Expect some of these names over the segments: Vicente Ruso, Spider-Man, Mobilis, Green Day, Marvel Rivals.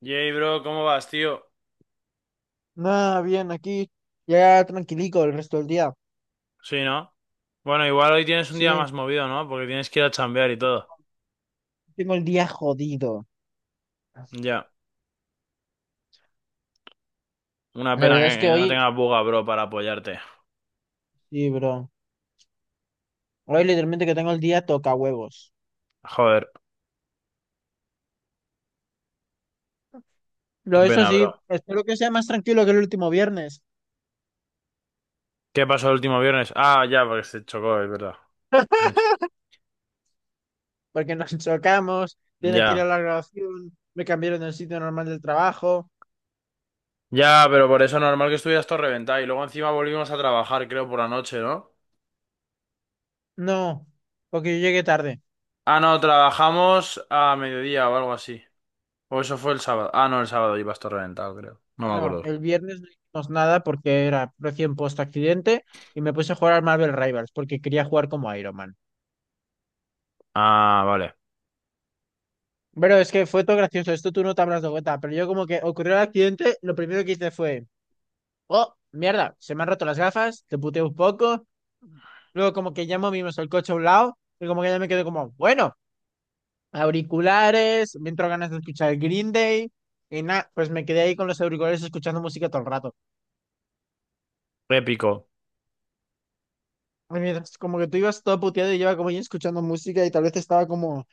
Yay, bro, ¿cómo vas, tío? Nada, bien, aquí ya tranquilico el resto del día. Sí, ¿no? Bueno, igual hoy tienes un día Sí, más movido, ¿no? Porque tienes que ir a chambear y todo. tengo el día jodido. Ya. Una La pena verdad que es que que no hoy, tengas buga, bro, para apoyarte. sí, bro. Hoy literalmente que tengo el día toca huevos. Joder, qué Pero eso pena, bro. sí, espero que sea más tranquilo que el último viernes, ¿Qué pasó el último viernes? Ah, ya, porque se chocó, es verdad. Mech. porque nos chocamos, tiene que ir a Ya. la grabación, me cambiaron del sitio normal del trabajo. Ya, pero por eso normal que estuvieras todo reventado. Y luego encima volvimos a trabajar, creo, por la noche, ¿no? No, porque yo llegué tarde. Ah, no, trabajamos a mediodía o algo así. O eso fue el sábado. Ah, no, el sábado ibas todo reventado, creo. No me No, acuerdo. el viernes no hicimos nada porque era recién post accidente y me puse a jugar al Marvel Rivals porque quería jugar como Iron Man. Ah, vale. Pero es que fue todo gracioso, esto tú no te habrás dado cuenta, pero yo como que ocurrió el accidente, lo primero que hice fue: oh, mierda, se me han roto las gafas, te puteo un poco. Luego como que ya movimos el coche a un lado, y como que ya me quedé como, bueno, auriculares, me entró ganas de escuchar Green Day, y nada, pues me quedé ahí con los auriculares escuchando música todo el rato. Épico. Y mientras como que tú ibas todo puteado y yo iba como ahí escuchando música y tal vez estaba como,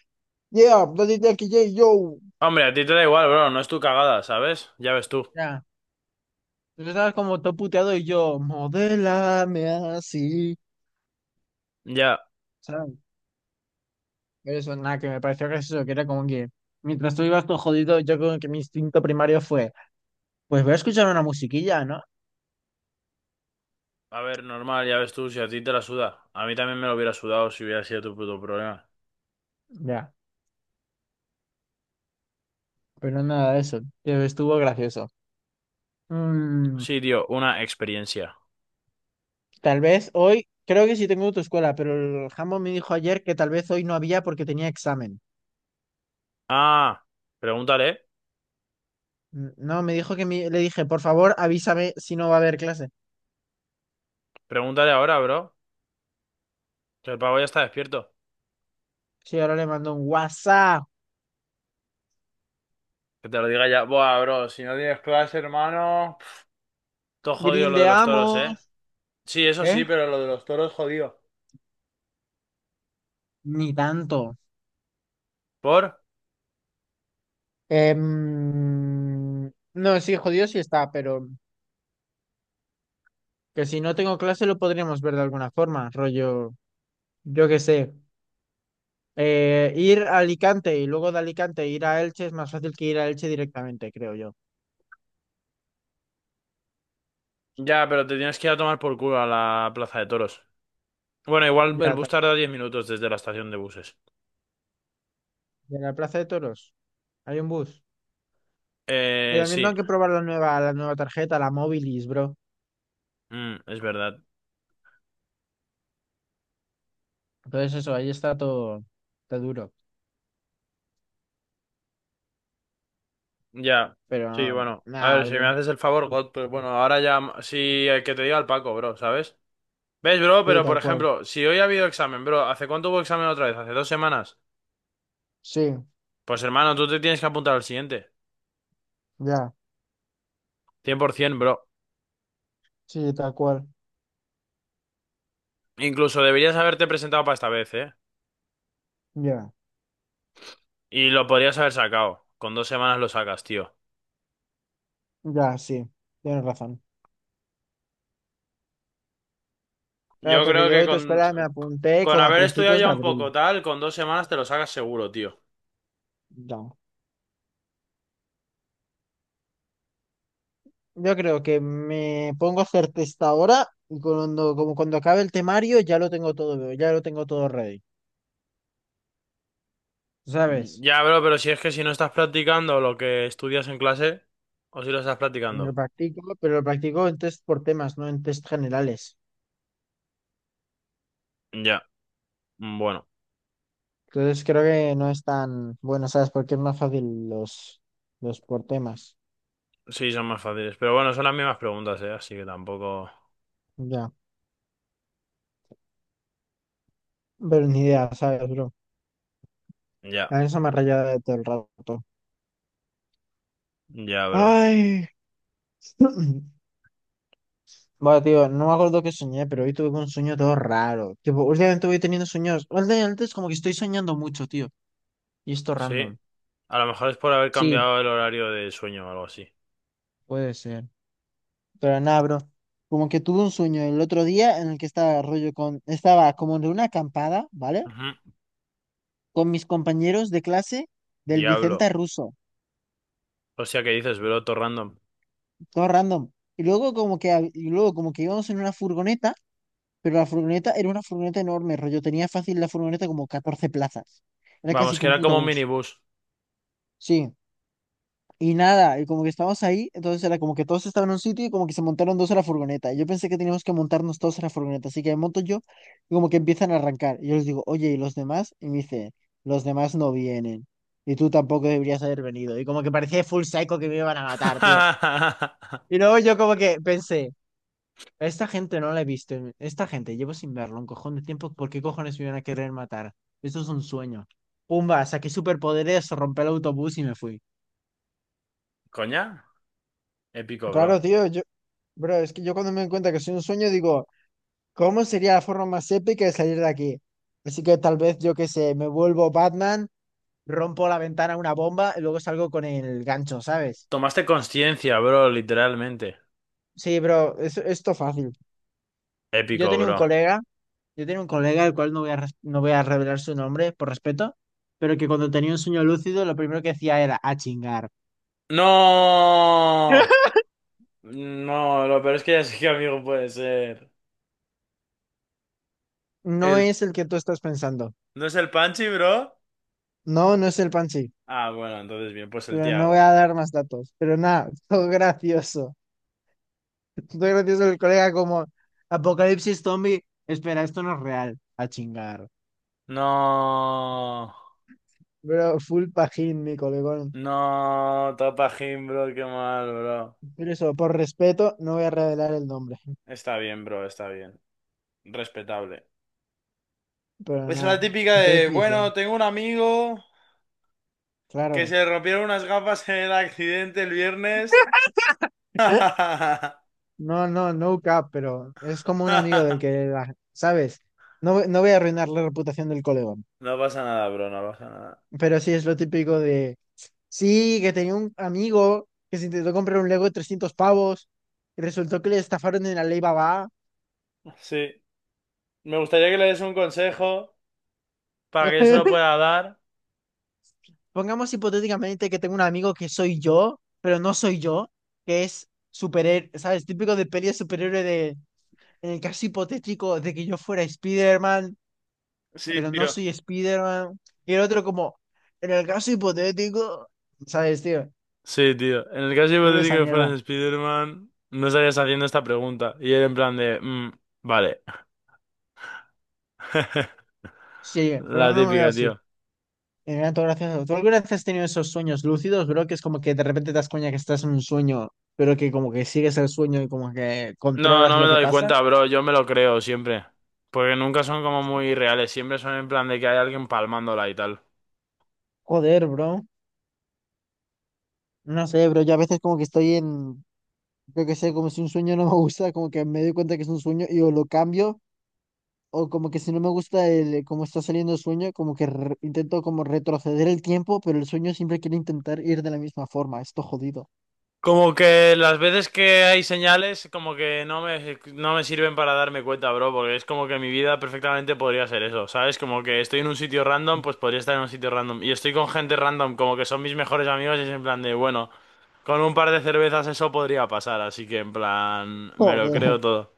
yeah, bloody Jackie J, yo. Hombre, a ti te da igual, bro, no es tu cagada, ¿sabes? Ya ves tú. Ya, tú estabas como todo puteado y yo, modélame así. Ya, ¿Sabes? Eso, nada, que me pareció gracioso, que era como que mientras tú ibas todo jodido, yo como que mi instinto primario fue, pues voy a escuchar una musiquilla, ¿no? a ver, normal, ya ves tú, si a ti te la suda. A mí también me lo hubiera sudado si hubiera sido tu puto problema. Ya, pero nada de eso, pero estuvo gracioso. Mm, Sí, tío, una experiencia. tal vez hoy, creo que sí tengo autoescuela, pero el jambo me dijo ayer que tal vez hoy no había porque tenía examen. Ah, pregúntale, No, me dijo que le dije, por favor, avísame si no va a haber clase. pregúntale ahora, bro, que el pavo ya está despierto. Sí, ahora le mando un WhatsApp, Que te lo diga ya. Buah, bro, si no tienes clase, hermano, pf, todo jodido lo de los toros, ¿eh? grindeamos, Sí, eso ¿eh? sí, pero lo de los toros jodido. Ni tanto. ¿Por? No, sí, jodido sí está, pero... Que si no tengo clase lo podríamos ver de alguna forma, rollo, yo qué sé. Ir a Alicante y luego de Alicante ir a Elche es más fácil que ir a Elche directamente, creo yo. Ya, pero te tienes que ir a tomar por culo a la plaza de toros. Bueno, igual el Mira, bus tarda 10 minutos desde la estación de buses. de la Plaza de Toros hay un bus. Y también Sí. tengo que probar la nueva tarjeta, la Mobilis, bro. Mm, es verdad. Entonces eso, ahí está todo, está duro. Ya. Sí, Pero bueno. A nada, ver, si me bro. haces el favor, God, pero bueno, ahora ya sí que te diga el Paco, bro, ¿sabes? ¿Ves, bro? Sí, Pero por tal cual. ejemplo, si hoy ha habido examen, bro, ¿hace cuánto hubo examen otra vez? ¿Hace 2 semanas? Sí, Pues hermano, tú te tienes que apuntar al siguiente. ya. 100%, bro. Sí, tal cual. Incluso deberías haberte presentado para esta vez, ¿eh? Ya, Y lo podrías haber sacado. Con 2 semanas lo sacas, tío. ya, sí. Tienes razón. Claro, Yo porque creo yo a la que autoescuela me apunté con como a haber estudiado principios de ya un abril. poco tal, con 2 semanas te lo sacas seguro, tío. Ya. Yo creo que me pongo a hacer testadora y cuando, como cuando acabe el temario ya lo tengo todo, ya lo tengo todo ready, ¿sabes? Ya, bro, pero si es que si no estás practicando lo que estudias en clase, o si lo estás Lo practicando. practico, pero lo practico en test por temas, no en test generales. Ya, bueno, Entonces creo que no es tan bueno, ¿sabes? Porque es más fácil los por temas. sí, son más fáciles. Pero bueno, son las mismas preguntas, ¿eh? Así que tampoco. Ya, pero ni idea, ¿sabes, bro? Ya, A eso me rayaba de todo el rato. ya, bro. Ay. Bueno, tío, no me acuerdo qué soñé, pero hoy tuve un sueño todo raro. Tipo, últimamente voy teniendo sueños. Últimamente es como que estoy soñando mucho, tío. Y esto Sí, random. a lo mejor es por haber Sí, cambiado el horario de sueño o algo así. puede ser. Pero nada, bro. Como que tuve un sueño el otro día en el que estaba rollo con, estaba como en una acampada, ¿vale? Ujú. Con mis compañeros de clase del Vicente Diablo. Ruso, Hostia, ¿qué dices, bro? Todo random. todo random. Y luego como que, y luego como que íbamos en una furgoneta, pero la furgoneta era una furgoneta enorme, rollo. Tenía fácil la furgoneta como 14 plazas. Era casi Vamos, que que un era puto como un bus. minibús. Sí. Y nada, y como que estábamos ahí, entonces era como que todos estaban en un sitio y como que se montaron dos a la furgoneta. Y yo pensé que teníamos que montarnos todos a la furgoneta, así que me monto yo y como que empiezan a arrancar. Y yo les digo, oye, ¿y los demás? Y me dice, los demás no vienen. Y tú tampoco deberías haber venido. Y como que parecía full psycho que me iban a matar, tío. Y luego yo como que pensé, "A esta gente no la he visto. Esta gente llevo sin verlo un cojón de tiempo. ¿Por qué cojones me iban a querer matar? Esto es un sueño." Pumba, saqué superpoderes, rompí el autobús y me fui. ¿Coña? Épico, bro. Claro, tío, yo, bro, es que yo cuando me doy cuenta que soy un sueño digo, ¿cómo sería la forma más épica de salir de aquí? Así que tal vez, yo qué sé, me vuelvo Batman, rompo la ventana una bomba y luego salgo con el gancho, ¿sabes? Tomaste conciencia, bro, literalmente. Sí, bro, es, esto fácil. Yo Épico, tenía un bro. colega, yo tenía un colega, el cual no voy a no voy a revelar su nombre por respeto, pero que cuando tenía un sueño lúcido lo primero que hacía era a chingar. ¡No! No, lo peor es que ya sé qué amigo puede ser. No El... es el que tú estás pensando. ¿No es el Panchi, bro? No, no es el Pansy, Ah, bueno, entonces bien, pues el pero no voy Tiago. a dar más datos. Pero nada, todo gracioso. Estoy gracioso el colega como Apocalipsis Zombie. Espera, esto no es real. A chingar. No, Pero full pajín, mi colegón. no, Tapajín, bro, qué mal, bro. Pero eso, por respeto, no voy a revelar el nombre. Está bien, bro, está bien. Respetable. Pero Es la nada. típica Entonces de, quise, bueno, tengo un amigo que claro. se le rompieron unas gafas en el accidente el viernes. No, no, no cap, pero es como un amigo del que, ¿sabes? No, no voy a arruinar la reputación del colegón. No pasa nada, bro, no pasa nada. Pero sí es lo típico de. Sí, que tenía un amigo que se intentó comprar un Lego de 300 pavos y resultó que le estafaron en la ley Babá. Sí, me gustaría que le des un consejo para que yo se lo pueda dar. Pongamos hipotéticamente que tengo un amigo que soy yo, pero no soy yo, que es superhéroe, ¿sabes? Típico de peli de superhéroe de, en el caso hipotético de que yo fuera Spider-Man, Sí, pero no tío. soy Spider-Man. Y el otro como, en el caso hipotético, ¿sabes, tío? Sí, tío. En el caso Culo hipotético esa de que mierda. fueras Spider-Man, no estarías haciendo esta pregunta. Y era en plan de, "Mm, vale. Sí, pero La no me veo típica, así. tío. Me da todo gracioso. ¿Tú alguna vez has tenido esos sueños lúcidos, bro? Que es como que de repente te das cuenta que estás en un sueño, pero que como que sigues el sueño y como que No, controlas no lo me que doy pasa. cuenta, bro. Yo me lo creo siempre. Porque nunca son como muy reales. Siempre son en plan de que hay alguien palmándola y tal. Joder, bro. No sé, pero yo a veces como que estoy en, yo que sé, como si un sueño no me gusta, como que me doy cuenta que es un sueño y o lo cambio, o como que si no me gusta el cómo está saliendo el sueño, como que intento como retroceder el tiempo, pero el sueño siempre quiere intentar ir de la misma forma, esto jodido. Como que las veces que hay señales, como que no me sirven para darme cuenta, bro, porque es como que mi vida perfectamente podría ser eso, ¿sabes? Como que estoy en un sitio random, pues podría estar en un sitio random. Y estoy con gente random, como que son mis mejores amigos, y es en plan de, bueno, con un par de cervezas eso podría pasar, así que en plan, me lo Joder, creo todo.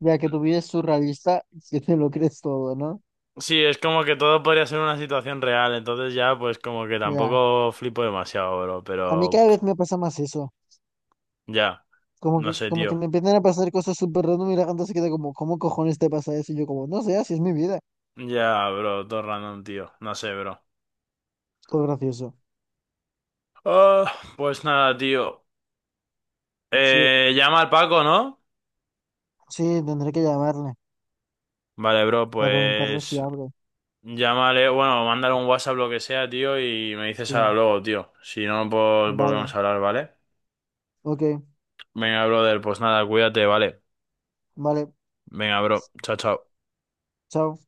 ya que tu vida es surrealista, si te lo crees todo, ¿no? Sí, es como que todo podría ser una situación real, entonces ya, pues como que Ya, tampoco flipo demasiado, bro, a mí pero cada pff, vez me pasa más eso, ya, no sé, como que tío. me empiezan a pasar cosas súper random y la gente se queda como, ¿cómo cojones te pasa eso? Y yo como, no sé, así es mi vida. Ya, bro, todo random, tío, no sé, bro. Es todo gracioso. Ah, pues nada, tío. Sí, Llama al Paco, ¿no? sí, tendré que llamarle Vale, bro, para preguntarle si pues abre. llámale, bueno, mándale un WhatsApp, lo que sea, tío, y me dices ahora Sí, luego, tío. Si no, pues vale, volvemos a hablar, ¿vale? ok, Venga, brother, pues nada, cuídate, ¿vale? vale, Venga, bro, chao, chao. chao.